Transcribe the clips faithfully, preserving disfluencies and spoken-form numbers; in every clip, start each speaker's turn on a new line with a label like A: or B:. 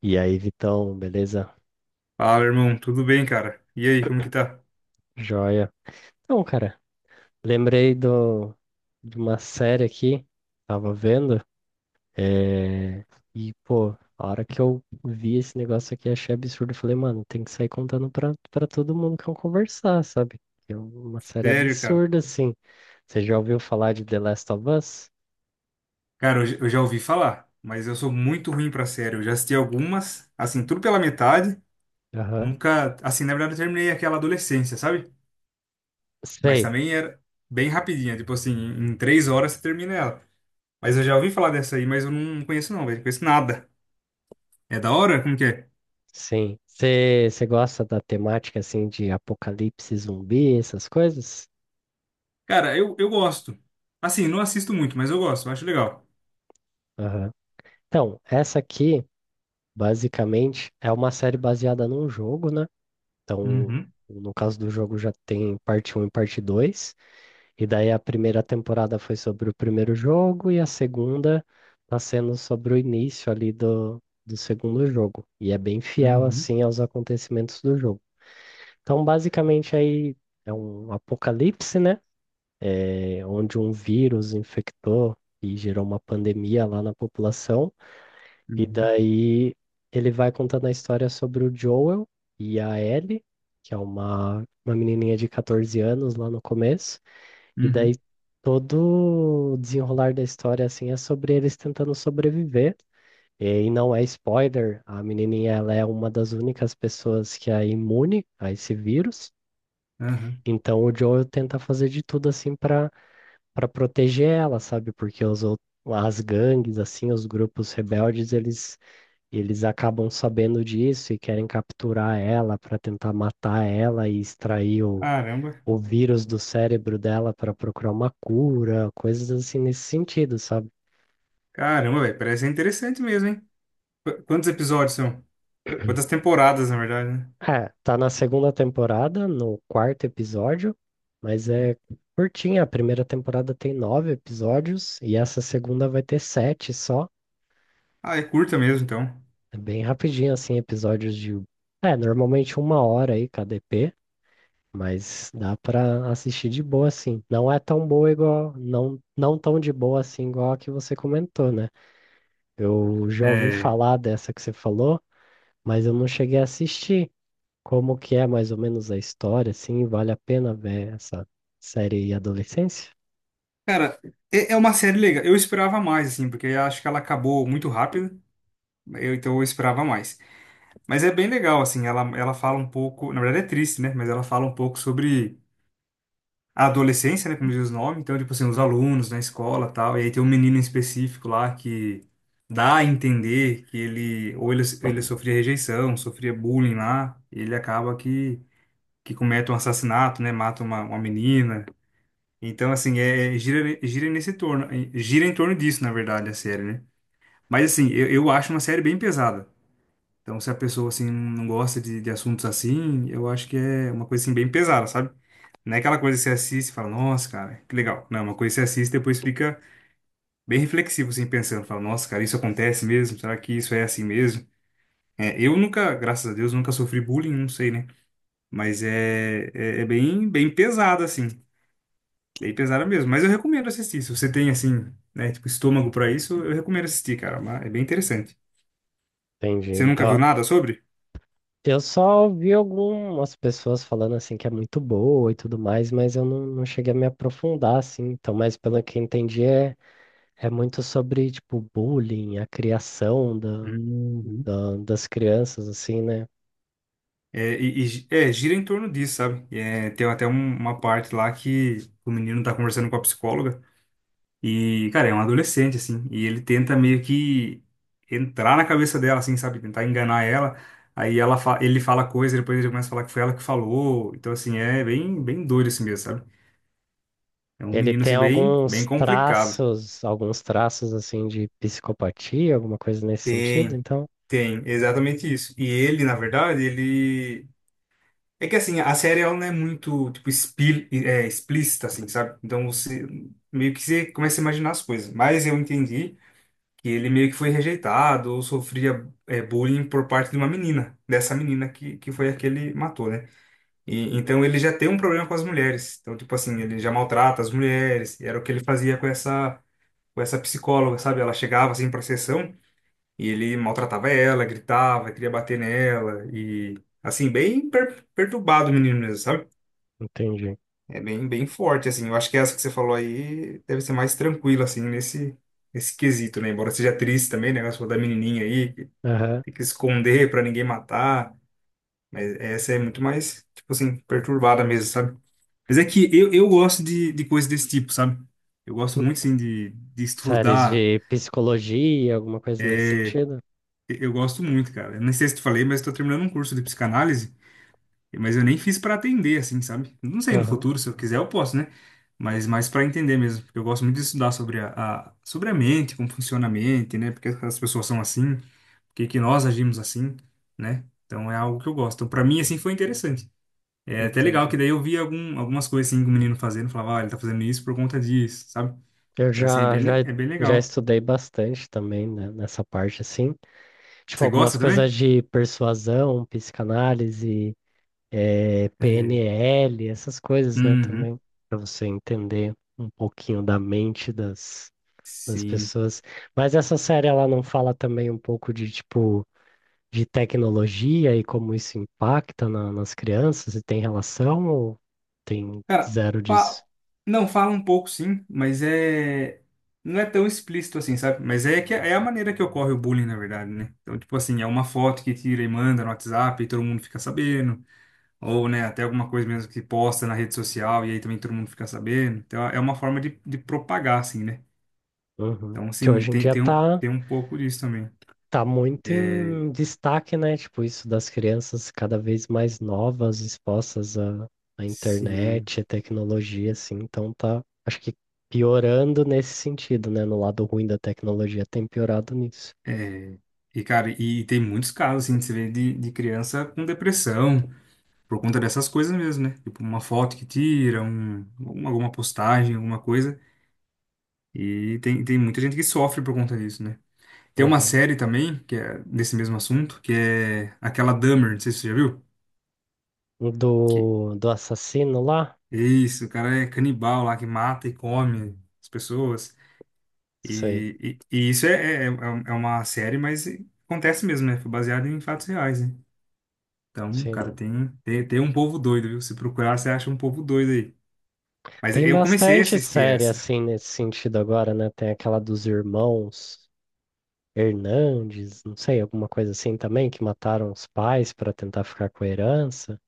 A: E aí, Vitão, beleza?
B: Fala, irmão, tudo bem, cara? E aí, como que tá?
A: Joia. Então, cara, lembrei do, de uma série aqui, tava vendo, é, e, pô, a hora que eu vi esse negócio aqui, achei absurdo. Falei, mano, tem que sair contando pra, pra todo mundo que eu conversar, sabe? Que é uma série
B: Sério, cara?
A: absurda, assim. Você já ouviu falar de The Last of Us?
B: Cara, eu, j- eu já ouvi falar, mas eu sou muito ruim pra série. Eu já assisti algumas, assim, tudo pela metade.
A: Aham.
B: Nunca, assim, na verdade, eu terminei aquela adolescência, sabe? Mas
A: Sei,
B: também era bem rapidinha, tipo assim, em em três horas você termina ela. Mas eu já ouvi falar dessa aí, mas eu não conheço não, velho, conheço nada. É da hora? Como que é?
A: sim. Você você gosta da temática, assim, de apocalipse zumbi, essas coisas?
B: Cara, eu, eu gosto. Assim, não assisto muito, mas eu gosto, eu acho legal.
A: Aham. Então, essa aqui. Basicamente, é uma série baseada num jogo, né? Então,
B: Uhum,
A: no caso do jogo, já tem parte um e parte dois. E daí a primeira temporada foi sobre o primeiro jogo e a segunda tá sendo sobre o início ali do, do segundo jogo. E é bem fiel,
B: uhum,
A: assim, aos acontecimentos do jogo. Então, basicamente, aí é um apocalipse, né? É, onde um vírus infectou e gerou uma pandemia lá na população. E
B: uhum,
A: daí ele vai contando a história sobre o Joel e a Ellie, que é uma, uma menininha de quatorze anos lá no começo. E daí
B: uhum,
A: todo o desenrolar da história assim é sobre eles tentando sobreviver. E aí não é spoiler, a menininha ela é uma das únicas pessoas que é imune a esse vírus.
B: uhum.
A: Então o Joel tenta fazer de tudo assim para para proteger ela, sabe? Porque os, ou- as gangues assim, os grupos rebeldes, eles eles acabam sabendo disso e querem capturar ela para tentar matar ela e extrair o,
B: Caramba.
A: o vírus do cérebro dela para procurar uma cura, coisas assim nesse sentido, sabe?
B: Caramba, velho, parece interessante mesmo, hein? Qu- Quantos episódios são? Quantas temporadas, na verdade, né?
A: É, tá na segunda temporada, no quarto episódio, mas é curtinha. A primeira temporada tem nove episódios e essa segunda vai ter sete só.
B: Ah, é curta mesmo, então.
A: É bem rapidinho, assim, episódios de. É, normalmente uma hora aí, K D P. Mas dá pra assistir de boa assim. Não é tão boa igual, não, não tão de boa assim igual a que você comentou, né? Eu já ouvi
B: É...
A: falar dessa que você falou, mas eu não cheguei a assistir. Como que é mais ou menos a história, assim, vale a pena ver essa série Adolescência?
B: Cara, é é uma série legal. Eu esperava mais, assim, porque eu acho que ela acabou muito rápido. Eu, então eu esperava mais. Mas é bem legal, assim, ela, ela fala um pouco. Na verdade é triste, né? Mas ela fala um pouco sobre a adolescência, né, como diz o nome. Então, tipo assim, os alunos na escola tal, e aí tem um menino em específico lá que dá a entender que ele, ou ele, ele sofria rejeição, sofria bullying lá, e ele acaba que, que comete um assassinato, né, mata uma, uma menina. Então, assim, é, é, gira, gira nesse torno, gira em torno disso, na verdade, a série, né. Mas, assim, eu, eu acho uma série bem pesada. Então, se a pessoa, assim, não gosta de, de assuntos assim, eu acho que é uma coisa, assim, bem pesada, sabe? Não é aquela coisa que você assiste e fala, nossa, cara, que legal. Não, é uma coisa que você assiste e depois fica bem reflexivo, assim, pensando. Fala, nossa, cara, isso acontece mesmo? Será que isso é assim mesmo? É, eu nunca, graças a Deus, nunca sofri bullying, não sei, né? Mas é, é, é bem, bem pesado, assim. Bem pesada mesmo. Mas eu recomendo assistir. Se você tem, assim, né, tipo, estômago pra isso, eu recomendo assistir, cara. Mas é bem interessante.
A: Entendi.
B: Você nunca viu
A: Então,
B: nada sobre?
A: eu só ouvi algumas pessoas falando assim que é muito boa e tudo mais, mas eu não, não cheguei a me aprofundar assim. Então, mas pelo que eu entendi, é É muito sobre, tipo, bullying, a criação da,
B: Uhum.
A: da- das crianças, assim, né?
B: É, e, e gi- é, gira em torno disso, sabe? E é, tem até um- uma parte lá que o menino tá conversando com a psicóloga. E, cara, é um adolescente, assim, e ele tenta meio que entrar na cabeça dela, assim, sabe? Tentar enganar ela. Aí ela fa- ele fala coisa, depois ele começa a falar que foi ela que falou. Então, assim, é bem, bem doido assim mesmo, sabe? É um
A: Ele
B: menino,
A: tem
B: assim, bem, bem
A: alguns
B: complicado.
A: traços, alguns traços, assim, de psicopatia, alguma coisa nesse sentido,
B: Tem,
A: então?
B: tem, exatamente isso. E ele, na verdade, ele. É que, assim, a série ela não é muito, tipo, expli- é, explícita, assim, sabe? Então, você meio que você começa a imaginar as coisas. Mas eu entendi que ele meio que foi rejeitado ou sofria é, bullying por parte de uma menina, dessa menina que, que foi a que ele matou, né? E então ele já tem um problema com as mulheres. Então, tipo assim, ele já maltrata as mulheres, e era o que ele fazia com essa, com essa psicóloga, sabe? Ela chegava assim pra sessão e ele maltratava ela, gritava, queria bater nela, e assim, bem per- perturbado o menino mesmo, sabe?
A: Entendi.
B: É bem, bem forte, assim. Eu acho que essa que você falou aí deve ser mais tranquila, assim, nesse, nesse quesito, né? Embora seja triste também, né? O negócio da menininha aí tem
A: Aham.
B: que esconder pra ninguém matar. Mas essa é muito mais, tipo assim, perturbada mesmo, sabe? Mas é que eu, eu gosto de, de coisas desse tipo, sabe? Eu gosto
A: Hum.
B: muito, assim, de, de
A: Séries
B: estudar.
A: de psicologia, alguma coisa nesse sentido?
B: E- Eu gosto muito, cara. Eu não sei se te falei, mas tô terminando um curso de psicanálise, mas eu nem fiz pra atender, assim, sabe? Não sei, no
A: Aham.
B: futuro, se eu quiser, eu posso, né? Mas mais para entender mesmo, porque eu gosto muito de estudar sobre a, a- sobre a mente, como funciona a mente, né? Porque as pessoas são assim, porque que que nós agimos assim, né? Então é algo que eu gosto. Então, para mim assim foi interessante. É até legal que
A: Entendi.
B: daí eu vi algum, algumas coisas assim que o menino fazendo, falava, ó, ele tá fazendo isso por conta disso, sabe?
A: Eu
B: Então assim, é
A: já,
B: bem,
A: já,
B: le- é bem
A: já
B: legal.
A: estudei bastante também, né, nessa parte, assim. Tipo,
B: Você
A: algumas
B: gosta também?
A: coisas de persuasão, psicanálise, é,
B: É.
A: P N L, essas coisas, né,
B: Uhum.
A: também, para você entender um pouquinho da mente das, das
B: Sim.
A: pessoas. Mas essa série, ela não fala também um pouco de, tipo, de tecnologia e como isso impacta na- nas crianças, e tem relação ou tem
B: Cara,
A: zero
B: fa-
A: disso?
B: não fala um pouco sim, mas é não é tão explícito assim, sabe? Mas é que é a maneira que ocorre o bullying, na verdade, né? Então, tipo assim, é uma foto que tira e manda no WhatsApp e todo mundo fica sabendo, ou, né, até alguma coisa mesmo que posta na rede social e aí também todo mundo fica sabendo. Então, é uma forma de, de propagar assim, né?
A: Uhum.
B: Então,
A: Que
B: assim,
A: hoje em
B: tem,
A: dia
B: tem um,
A: tá.
B: tem um pouco disso também.
A: Tá muito
B: É,
A: em destaque, né? Tipo, isso das crianças cada vez mais novas, expostas à, à
B: sim.
A: internet, à tecnologia, assim. Então tá, acho que piorando nesse sentido, né? No lado ruim da tecnologia tem piorado nisso.
B: É, e, cara, e tem muitos casos, assim, que você vê de, de criança com depressão, por conta dessas coisas mesmo, né? Tipo, uma foto que tira, um, alguma alguma postagem, alguma coisa. E tem, tem muita gente que sofre por conta disso, né? Tem uma
A: Uhum.
B: série também, que é desse mesmo assunto, que é aquela Dahmer, não sei se você já viu. Que,
A: Do, do assassino lá?
B: isso, o cara é canibal lá, que mata e come as pessoas.
A: Sei,
B: E, e, e isso é, é, é um- é uma série, mas acontece mesmo, né? Foi baseado em fatos reais, né? Então,
A: sim.
B: cara, tem, tem, tem um povo doido, viu? Se procurar, você acha um povo doido aí. Mas
A: Tem
B: eu comecei a
A: bastante
B: assistir
A: série,
B: essa.
A: assim, nesse sentido agora, né? Tem aquela dos irmãos Hernandes, não sei, alguma coisa assim também, que mataram os pais para tentar ficar com a herança.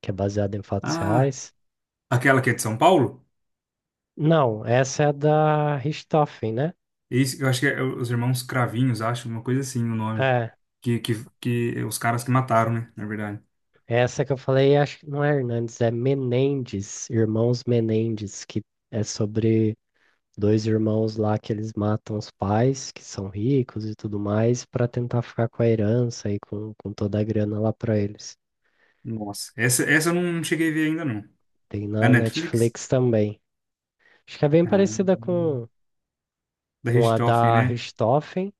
A: Que é baseada em fatos
B: Ah,
A: reais.
B: aquela que é de São Paulo?
A: Não, essa é da Richthofen, né?
B: Isso, eu acho que é é os Irmãos Cravinhos, acho, uma coisa assim o nome.
A: É,
B: Que, que, que é os caras que mataram, né? Na verdade.
A: essa que eu falei, acho que não é Hernandes, é Menendez, Irmãos Menendez, que é sobre dois irmãos lá que eles matam os pais, que são ricos e tudo mais, para tentar ficar com a herança e com, com toda a grana lá para eles.
B: Nossa, essa, essa eu não cheguei a ver ainda, não.
A: Tem
B: Na
A: na
B: Netflix?
A: Netflix também. Acho que é bem
B: Ah,
A: parecida com,
B: da
A: com a
B: Richthofen,
A: da
B: né?
A: Richthofen.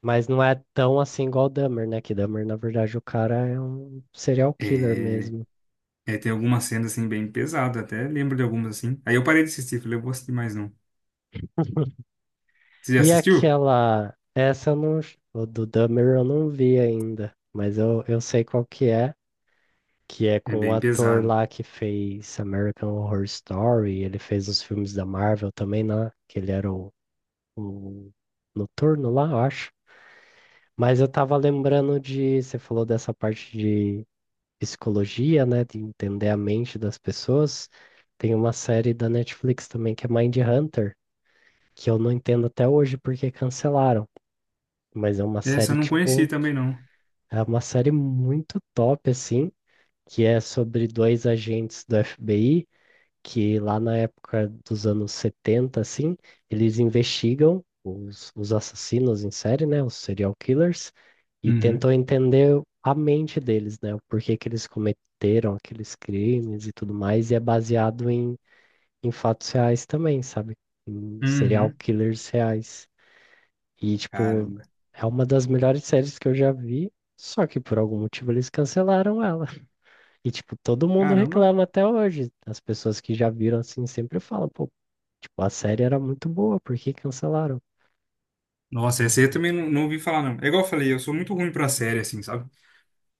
A: Mas não é tão assim igual o Dahmer, né? Que Dahmer, na verdade, o cara é um serial killer
B: É.
A: mesmo.
B: É, tem algumas cenas assim bem pesadas, até lembro de algumas assim. Aí eu parei de assistir, falei, eu vou assistir mais não. Você já
A: E
B: assistiu?
A: aquela. Essa eu não. O do Dahmer eu não vi ainda. Mas eu, eu sei qual que é. Que é
B: É
A: com o
B: bem
A: ator
B: pesado.
A: lá que fez American Horror Story. Ele fez os filmes da Marvel também, né? Que ele era o, o noturno lá, eu acho. Mas eu tava lembrando de. Você falou dessa parte de psicologia, né, de entender a mente das pessoas. Tem uma série da Netflix também que é Mind Hunter, que eu não entendo até hoje porque cancelaram, mas é uma
B: Essa
A: série
B: eu não conheci
A: tipo,
B: também não.
A: é uma série muito top assim, que é sobre dois agentes do F B I que lá na época dos anos setenta assim, eles investigam os, os assassinos em série, né, os serial killers, e tentam
B: Uhum.
A: entender a mente deles, né, o porquê que eles cometeram aqueles crimes e tudo mais, e é baseado em, em fatos reais também, sabe? Em serial
B: Uhum.
A: killers reais. E, tipo,
B: Cara,
A: é uma das melhores séries que eu já vi. Só que por algum motivo eles cancelaram ela. E, tipo, todo mundo
B: caramba.
A: reclama até hoje. As pessoas que já viram assim sempre falam, pô, tipo, a série era muito boa, por que cancelaram?
B: Nossa, essa aí eu também não, não ouvi falar não. É igual eu falei, eu sou muito ruim pra série assim, sabe?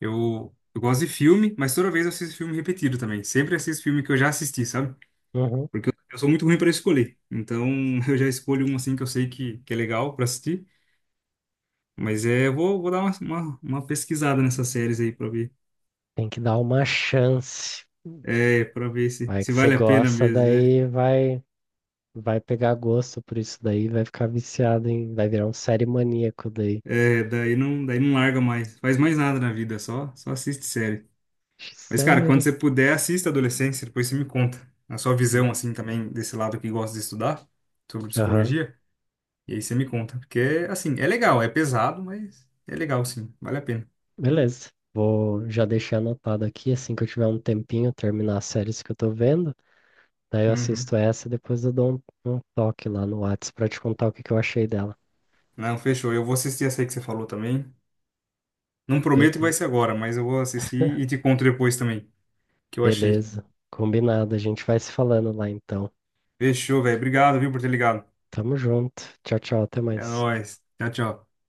B: Eu, eu gosto de filme, mas toda vez eu assisto filme repetido também. Sempre assisto filme que eu já assisti, sabe?
A: Uhum.
B: Porque eu, eu sou muito ruim pra escolher. Então eu já escolho um assim que eu sei que, que é legal pra assistir. Mas é, eu vou, vou dar uma, uma, uma pesquisada nessas séries aí pra ver.
A: Tem que dar uma chance.
B: É, para ver se,
A: Vai que
B: se
A: você
B: vale a pena
A: gosta,
B: mesmo, é.
A: daí vai vai pegar gosto por isso daí, vai ficar viciado em, vai virar um série maníaco daí.
B: É, daí não, daí não larga mais. Faz mais nada na vida, só, só assiste série. Mas, cara, quando
A: Sério?
B: você puder, assista Adolescência, depois você me conta. A sua visão, assim, também, desse lado que gosta de estudar, sobre
A: Aham.
B: psicologia. E aí você me conta. Porque, assim, é legal, é pesado, mas é legal, sim. Vale a pena.
A: Beleza. Vou já deixar anotado aqui, assim que eu tiver um tempinho, terminar as séries que eu tô vendo, daí eu assisto
B: Uhum.
A: essa e depois eu dou um, um toque lá no Whats pra te contar o que que eu achei dela.
B: Não, fechou. Eu vou assistir essa aí que você falou também. Não prometo que vai
A: Be-
B: ser agora, mas eu vou assistir e te conto depois também, o que eu achei.
A: beleza. Combinado, a gente vai se falando lá então.
B: Fechou, velho. Obrigado, viu, por ter ligado.
A: Tamo junto. Tchau, tchau. Até
B: É
A: mais.
B: nóis. Tchau, tchau.